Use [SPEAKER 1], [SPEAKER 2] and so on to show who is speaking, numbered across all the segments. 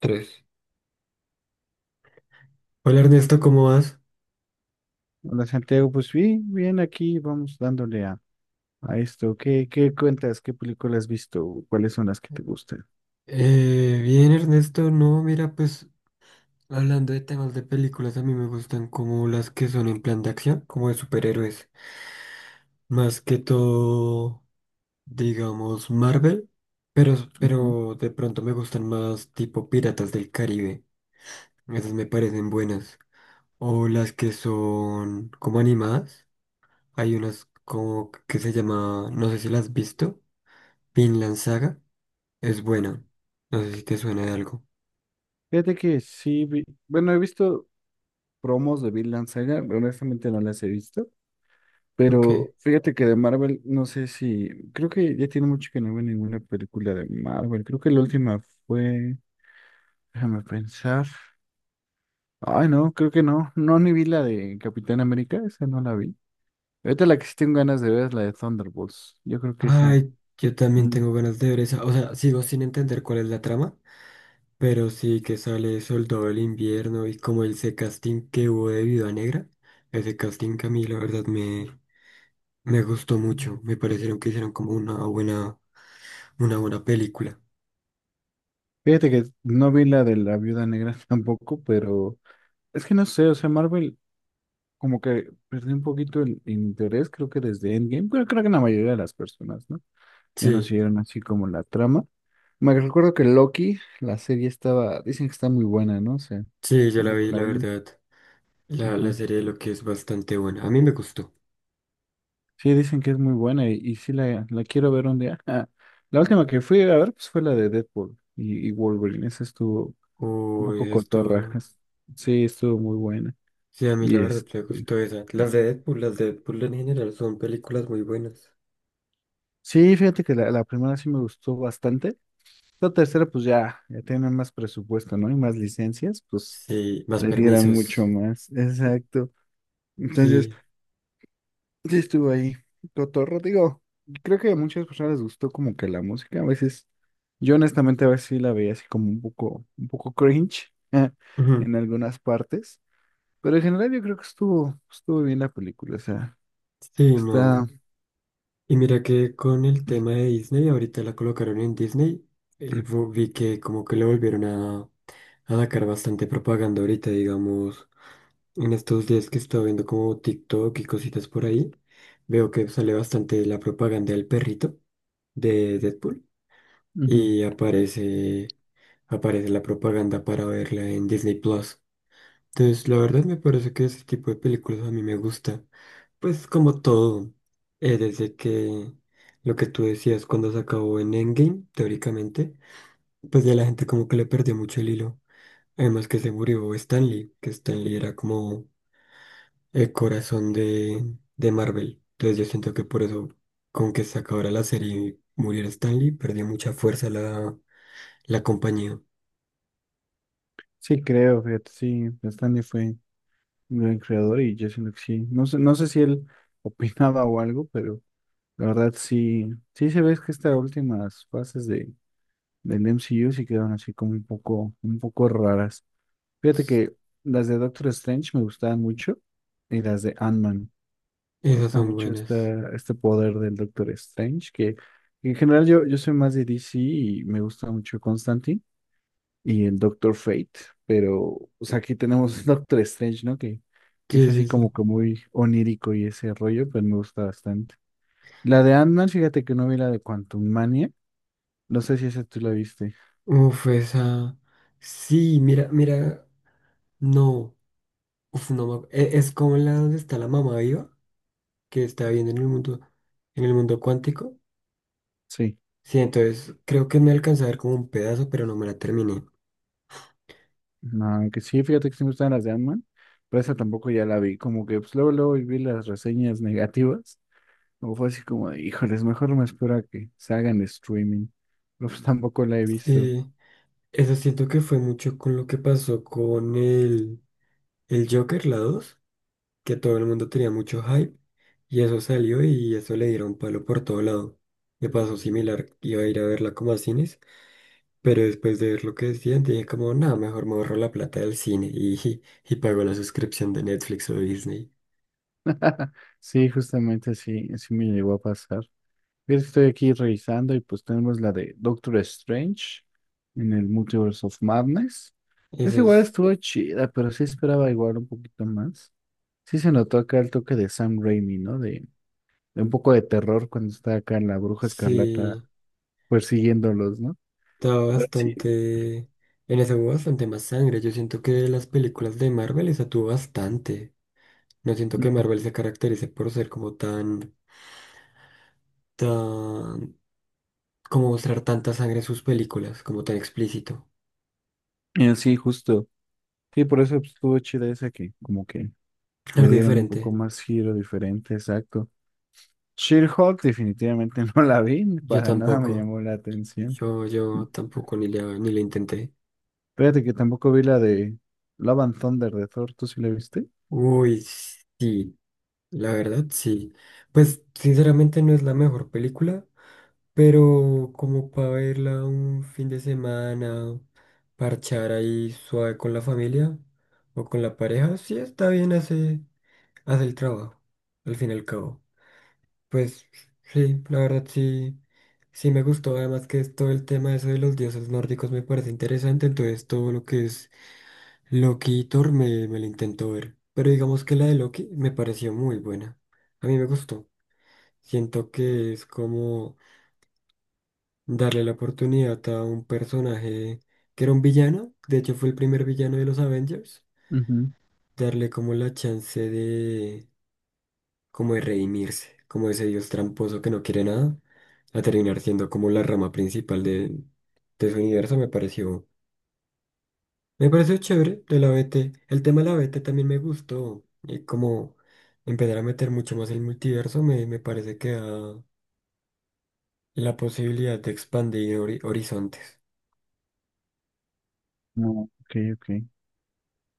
[SPEAKER 1] Tres. Hola Ernesto, ¿cómo vas?
[SPEAKER 2] Hola Santiago, pues bien, bien, aquí vamos dándole a esto. ¿Qué, qué cuentas? ¿Qué películas has visto? ¿Cuáles son las que te gustan?
[SPEAKER 1] Bien Ernesto, no, mira, pues hablando de temas de películas, a mí me gustan como las que son en plan de acción, como de superhéroes, más que todo, digamos, Marvel, pero,
[SPEAKER 2] Ujú.
[SPEAKER 1] pero de pronto me gustan más tipo Piratas del Caribe, esas me parecen buenas, o las que son como animadas, hay unas como que se llama, no sé si las has visto, Vinland Saga, es buena, no sé si te suena de algo.
[SPEAKER 2] Fíjate que sí, bueno, he visto promos de Vinland Saga, honestamente no las he visto,
[SPEAKER 1] Ok.
[SPEAKER 2] pero fíjate que de Marvel, no sé si, creo que ya tiene mucho que no veo ninguna película de Marvel, creo que la última fue, déjame pensar, ay no, creo que no, no ni vi la de Capitán América, esa no la vi. Ahorita la que sí tengo ganas de ver es la de Thunderbolts, yo creo que esa.
[SPEAKER 1] Ay, yo también
[SPEAKER 2] Mm.
[SPEAKER 1] tengo ganas de ver esa. O sea, sigo sin entender cuál es la trama, pero sí que sale Soldado del Invierno y como ese casting que hubo de Viuda Negra. Ese casting que a mí la verdad me gustó mucho. Me parecieron que hicieron como una buena película.
[SPEAKER 2] Fíjate que no vi la de la Viuda Negra tampoco, pero es que no sé, o sea, Marvel como que perdió un poquito el interés, creo que desde Endgame, pero creo que la mayoría de las personas, ¿no? Ya no
[SPEAKER 1] Sí,
[SPEAKER 2] siguieron así como la trama. Me recuerdo que Loki, la serie estaba, dicen que está muy buena, ¿no? O sea,
[SPEAKER 1] sí, yo la
[SPEAKER 2] tampoco
[SPEAKER 1] vi,
[SPEAKER 2] la
[SPEAKER 1] la
[SPEAKER 2] vi.
[SPEAKER 1] verdad. La,
[SPEAKER 2] Ajá.
[SPEAKER 1] la serie lo que es bastante buena. A mí me gustó.
[SPEAKER 2] Sí, dicen que es muy buena y sí la quiero ver un día. Ah, la última que fui a ver pues fue la de Deadpool y Wolverine, esa estuvo un poco
[SPEAKER 1] Uy, esto.
[SPEAKER 2] cotorrajas. Sí, estuvo muy buena.
[SPEAKER 1] Sí, a mí la
[SPEAKER 2] Y
[SPEAKER 1] verdad
[SPEAKER 2] este,
[SPEAKER 1] me gustó esa. Las de Deadpool en general son películas muy buenas.
[SPEAKER 2] sí, fíjate que la primera sí me gustó bastante. La tercera, pues ya, ya tienen más presupuesto, ¿no? Y más licencias, pues
[SPEAKER 1] Sí, más
[SPEAKER 2] le dieran
[SPEAKER 1] permisos.
[SPEAKER 2] mucho más. Exacto. Entonces,
[SPEAKER 1] Sí.
[SPEAKER 2] sí estuvo ahí. Cotorro, digo, creo que a muchas personas les gustó como que la música. A veces, yo honestamente a veces sí la veía así como un poco cringe
[SPEAKER 1] Ujú.
[SPEAKER 2] en algunas partes. Pero en general yo creo que estuvo, estuvo bien la película. O sea,
[SPEAKER 1] Sí,
[SPEAKER 2] está.
[SPEAKER 1] no. Y mira que con el tema de Disney, ahorita la colocaron en Disney, vi que como que le volvieron a sacar bastante propaganda ahorita, digamos, en estos días que estaba viendo como TikTok y cositas por ahí, veo que sale bastante la propaganda del perrito de Deadpool
[SPEAKER 2] Ujú.
[SPEAKER 1] y aparece la propaganda para verla en Disney Plus. Entonces, la verdad me parece que ese tipo de películas a mí me gusta. Pues como todo, desde que lo que tú decías cuando se acabó en Endgame, teóricamente, pues ya la gente como que le perdió mucho el hilo. Además que se murió Stan Lee, que Stan Lee era como el corazón de Marvel. Entonces yo siento que por eso, con que se acabara la serie y muriera Stan Lee, perdió mucha fuerza la compañía.
[SPEAKER 2] Sí, creo, fíjate, sí, bastante fue gran creador y yo siento que sí. No sé, no sé si él opinaba o algo, pero la verdad sí, sí se ve que estas últimas fases de, del MCU sí quedaron así como un poco raras. Fíjate que las de Doctor Strange me gustaban mucho y las de Ant-Man. Me
[SPEAKER 1] Esas
[SPEAKER 2] gusta
[SPEAKER 1] son
[SPEAKER 2] mucho
[SPEAKER 1] buenas.
[SPEAKER 2] esta, este poder del Doctor Strange, que en general yo, yo soy más de DC y me gusta mucho Constantine y el Doctor Fate, pero o sea, aquí tenemos Doctor Strange, ¿no? Que es
[SPEAKER 1] Sí,
[SPEAKER 2] así
[SPEAKER 1] sí, sí.
[SPEAKER 2] como que muy onírico y ese rollo, pero me gusta bastante. La de Ant-Man, fíjate que no vi la de Quantum Mania, no sé si esa tú la viste.
[SPEAKER 1] Uf, esa. Sí, mira, mira, no. Uf, no me ac- e- es como la donde está la mamá viva, que está viendo en el mundo, cuántico.
[SPEAKER 2] Sí,
[SPEAKER 1] Sí, entonces creo que me alcanza a ver como un pedazo, pero no me la terminé.
[SPEAKER 2] no, que sí, fíjate que sí me gustan las de Ant-Man, pero esa tampoco ya la vi, como que pues, luego, luego vi las reseñas negativas, como fue así como de, híjoles, mejor me espero a que se hagan streaming, pero pues tampoco la he visto.
[SPEAKER 1] Sí, eso siento que fue mucho con lo que pasó con el Joker, la 2 que todo el mundo tenía mucho hype, y eso salió y eso le dieron palo por todo lado. Me pasó similar, iba a ir a verla como a cines, pero después de ver lo que decían, dije como, nada, mejor me ahorro la plata del cine y pago la suscripción de Netflix o de Disney.
[SPEAKER 2] Sí, justamente así, así me llegó a pasar. Fíjate que estoy aquí revisando y pues tenemos la de Doctor Strange en el Multiverse of Madness.
[SPEAKER 1] Eso
[SPEAKER 2] Es igual
[SPEAKER 1] es,
[SPEAKER 2] estuvo chida, pero sí esperaba igual un poquito más. Sí se notó acá el toque de Sam Raimi, ¿no? De un poco de terror cuando está acá la Bruja
[SPEAKER 1] sí,
[SPEAKER 2] Escarlata persiguiéndolos, ¿no?
[SPEAKER 1] estaba
[SPEAKER 2] Pero sí,
[SPEAKER 1] bastante, en eso hubo bastante más sangre. Yo siento que de las películas de Marvel esa tuvo bastante. No siento que Marvel se caracterice por ser como tan, como mostrar tanta sangre en sus películas, como tan explícito.
[SPEAKER 2] sí, justo. Sí, por eso pues, estuvo chida esa que como que le
[SPEAKER 1] Algo
[SPEAKER 2] dieron un
[SPEAKER 1] diferente.
[SPEAKER 2] poco más giro diferente, exacto. She-Hulk definitivamente no la vi,
[SPEAKER 1] Yo
[SPEAKER 2] para nada me
[SPEAKER 1] tampoco.
[SPEAKER 2] llamó la atención.
[SPEAKER 1] Yo tampoco ni le intenté.
[SPEAKER 2] Fíjate que tampoco vi la de Love and Thunder de Thor, ¿tú sí la viste?
[SPEAKER 1] Uy, sí, la verdad, sí. Pues sinceramente no es la mejor película. Pero como para verla un fin de semana, parchar ahí suave con la familia o con la pareja, sí está bien, hace el trabajo, al fin y al cabo. Pues sí, la verdad sí me gustó. Además que es todo el tema eso de los dioses nórdicos me parece interesante, entonces todo lo que es Loki y Thor me lo intento ver. Pero digamos que la de Loki me pareció muy buena. A mí me gustó. Siento que es como darle la oportunidad a un personaje que era un villano, de hecho fue el primer villano de los Avengers,
[SPEAKER 2] Ujú.
[SPEAKER 1] darle como la chance de, como de redimirse, como ese dios tramposo que no quiere nada, a terminar siendo como la rama principal de su universo, me pareció chévere de la B T. El tema de la B T también me gustó, y como empezar a meter mucho más el multiverso, me parece que da la posibilidad de expandir horizontes.
[SPEAKER 2] No, ok, ok.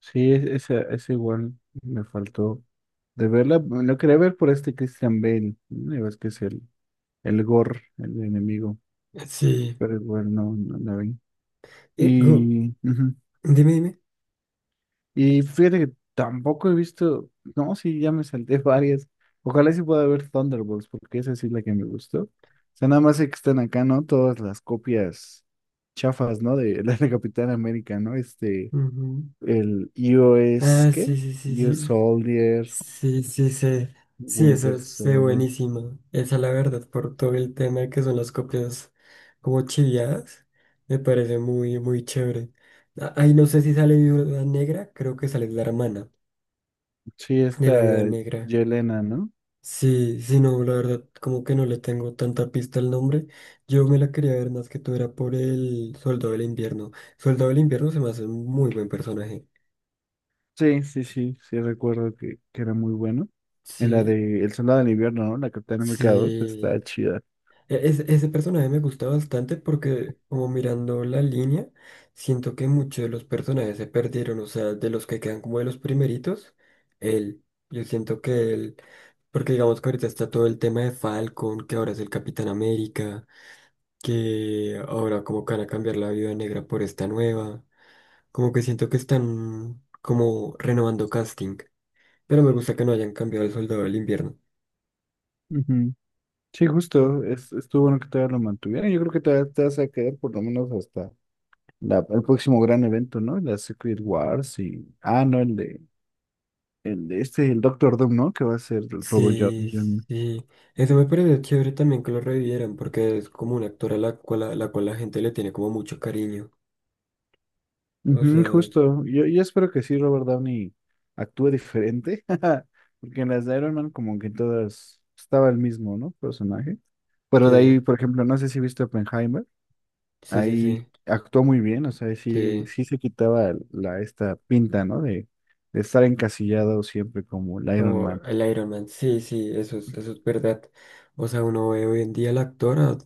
[SPEAKER 2] Sí, esa, esa igual me faltó de verla. Lo quería ver por este Christian Bale, ¿no? Ya ves que es el Gore, el enemigo,
[SPEAKER 1] Sí.
[SPEAKER 2] pero igual no, no la vi.
[SPEAKER 1] Eh, Gu,
[SPEAKER 2] Y ujú.
[SPEAKER 1] dime, dime.
[SPEAKER 2] Y fíjate que tampoco he visto, no, sí, ya me salté varias. Ojalá sí pueda ver Thunderbolts, porque esa sí es la que me gustó. O sea, nada más sé que están acá, ¿no? Todas las copias chafas, ¿no? De la de Capitán América, ¿no? Este,
[SPEAKER 1] Ujú.
[SPEAKER 2] el iOS,
[SPEAKER 1] Ah, sí,
[SPEAKER 2] ¿qué?
[SPEAKER 1] sí, sí,
[SPEAKER 2] US
[SPEAKER 1] sí.
[SPEAKER 2] Soldier,
[SPEAKER 1] Sí, sí, sé. Sí,
[SPEAKER 2] Winter
[SPEAKER 1] esa es
[SPEAKER 2] Soldier.
[SPEAKER 1] buenísima. Esa, la verdad, por todo el tema de que son las copias como chiviadas, me parece muy, muy chévere. Ah, ay, no sé si sale Viuda Negra, creo que sale la hermana
[SPEAKER 2] Sí,
[SPEAKER 1] de
[SPEAKER 2] esta
[SPEAKER 1] la Viuda Negra.
[SPEAKER 2] Yelena, ¿no?
[SPEAKER 1] Sí, sí, no, la verdad, como que no le tengo tanta pista al nombre. Yo me la quería ver más que tú, era por el Soldado del Invierno. Soldado del Invierno se me hace un muy buen personaje.
[SPEAKER 2] Sí, sí, sí, sí recuerdo que era muy bueno. En la
[SPEAKER 1] Sí,
[SPEAKER 2] de El Soldado del Invierno, ¿no? La Capitán América 2 está
[SPEAKER 1] sí.
[SPEAKER 2] chida.
[SPEAKER 1] Ese personaje me gusta bastante porque, como mirando la línea, siento que muchos de los personajes se perdieron, o sea, de los que quedan como de los primeritos, él. Yo siento que él, porque digamos que ahorita está todo el tema de Falcon, que ahora es el Capitán América, que ahora como que van a cambiar la Viuda Negra por esta nueva. Como que siento que están como renovando casting, pero me gusta que no hayan cambiado el Soldado del Invierno.
[SPEAKER 2] Ujú. Sí, justo, es, estuvo bueno que todavía lo mantuvieron. Yo creo que todavía te vas a quedar por lo menos hasta la, el próximo gran evento, ¿no? La Secret Wars y... Ah, no, el de este, el Doctor Doom, ¿no? Que va a ser el
[SPEAKER 1] Sí,
[SPEAKER 2] Downey.
[SPEAKER 1] sí. Eso me parece chévere también que lo revivieran, porque es como un actor a la cual la gente le tiene como mucho cariño. O
[SPEAKER 2] Ujú,
[SPEAKER 1] sea,
[SPEAKER 2] justo, yo espero que sí Robert Downey actúe diferente, porque en las de Iron Man como que todas estaba el mismo, ¿no? Personaje. Pero de ahí,
[SPEAKER 1] sí,
[SPEAKER 2] por ejemplo, no sé si viste Oppenheimer.
[SPEAKER 1] sí, sí, sí,
[SPEAKER 2] Ahí actuó muy bien, o sea, sí,
[SPEAKER 1] sí.
[SPEAKER 2] sí se quitaba la, esta pinta, ¿no? De estar encasillado siempre como el Iron
[SPEAKER 1] Como
[SPEAKER 2] Man.
[SPEAKER 1] el Iron Man, sí, sí, eso es, verdad. O sea, uno ve hoy en día al actor,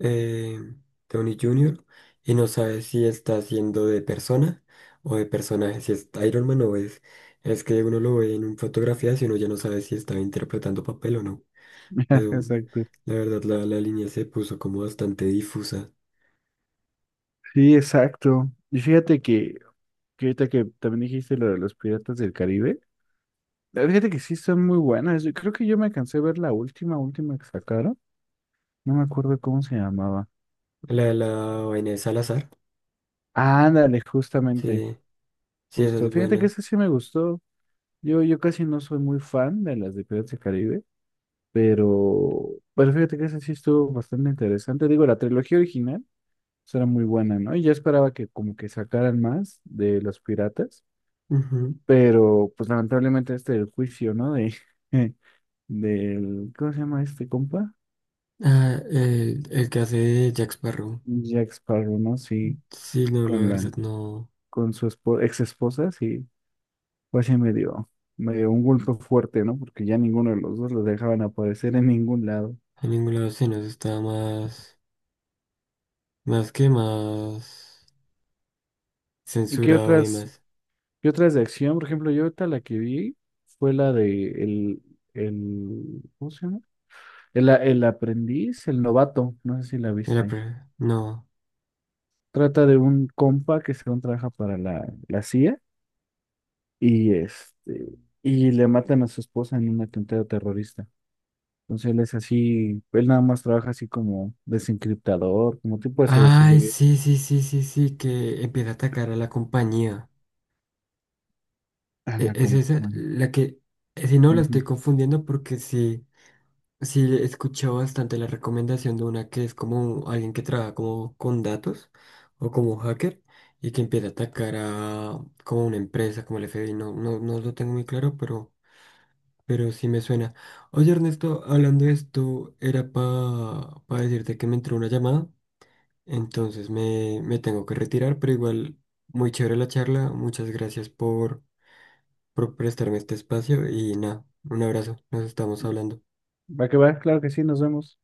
[SPEAKER 1] eh, Tony Jr., y no sabe si está haciendo de persona o de personaje, si es Iron Man o es. Es que uno lo ve en fotografías y uno ya no sabe si está interpretando papel o no. Eh,
[SPEAKER 2] Exacto.
[SPEAKER 1] la verdad, la línea se puso como bastante difusa.
[SPEAKER 2] Sí, exacto. Y fíjate que ahorita que también dijiste lo de los Piratas del Caribe, fíjate que sí son muy buenas. Yo creo que yo me cansé de ver la última, última que sacaron. No me acuerdo cómo se llamaba.
[SPEAKER 1] La de la vaina de Salazar.
[SPEAKER 2] Ándale, justamente,
[SPEAKER 1] Sí, sí, esa
[SPEAKER 2] justo.
[SPEAKER 1] es
[SPEAKER 2] Fíjate que
[SPEAKER 1] buena.
[SPEAKER 2] esa sí me gustó. Yo casi no soy muy fan de las de Piratas del Caribe. Pero, pero fíjate que ese sí estuvo bastante interesante. Digo, la trilogía original pues, era muy buena, ¿no? Y yo esperaba que como que sacaran más de los piratas,
[SPEAKER 1] Ujú.
[SPEAKER 2] pero pues lamentablemente este el juicio, ¿no? De, del, ¿cómo se llama este compa?
[SPEAKER 1] Ah, el que hace de Jack Sparrow.
[SPEAKER 2] Jack Sparrow, ¿no? Sí,
[SPEAKER 1] Sí, no, la
[SPEAKER 2] con
[SPEAKER 1] verdad,
[SPEAKER 2] la,
[SPEAKER 1] no.
[SPEAKER 2] con su ex esposa, sí, pues sí me dio un golpe fuerte, ¿no? Porque ya ninguno de los dos los dejaban aparecer en ningún lado.
[SPEAKER 1] En ningún lado se nos está más, más que más
[SPEAKER 2] ¿Y qué
[SPEAKER 1] censurado y
[SPEAKER 2] otras?
[SPEAKER 1] más.
[SPEAKER 2] Y otras de acción, por ejemplo, yo ahorita la que vi fue la de el, ¿cómo se llama? El, el aprendiz, el novato, no sé si la
[SPEAKER 1] En la
[SPEAKER 2] viste.
[SPEAKER 1] pre- no.
[SPEAKER 2] Trata de un compa que según trabaja para la CIA y este, y le matan a su esposa en un atentado terrorista. Entonces él es así, él nada más trabaja así como desencriptador, como tipo de
[SPEAKER 1] Ay,
[SPEAKER 2] ciberseguridad
[SPEAKER 1] sí, sí, sí, sí, sí, que empieza a atacar a la compañía.
[SPEAKER 2] en la
[SPEAKER 1] Es esa
[SPEAKER 2] compañía.
[SPEAKER 1] la que, si no, la estoy
[SPEAKER 2] Ujú.
[SPEAKER 1] confundiendo porque sí. Sí, he escuchado bastante la recomendación de una que es como alguien que trabaja como con datos o como hacker y que empieza a atacar a como una empresa, como el FBI. No, no, no lo tengo muy claro, pero sí me suena. Oye, Ernesto, hablando de esto, era para decirte que me entró una llamada, entonces me tengo que retirar, pero igual muy chévere la charla. Muchas gracias por prestarme este espacio y nada, un abrazo, nos estamos hablando.
[SPEAKER 2] Va que va, claro que sí, nos vemos.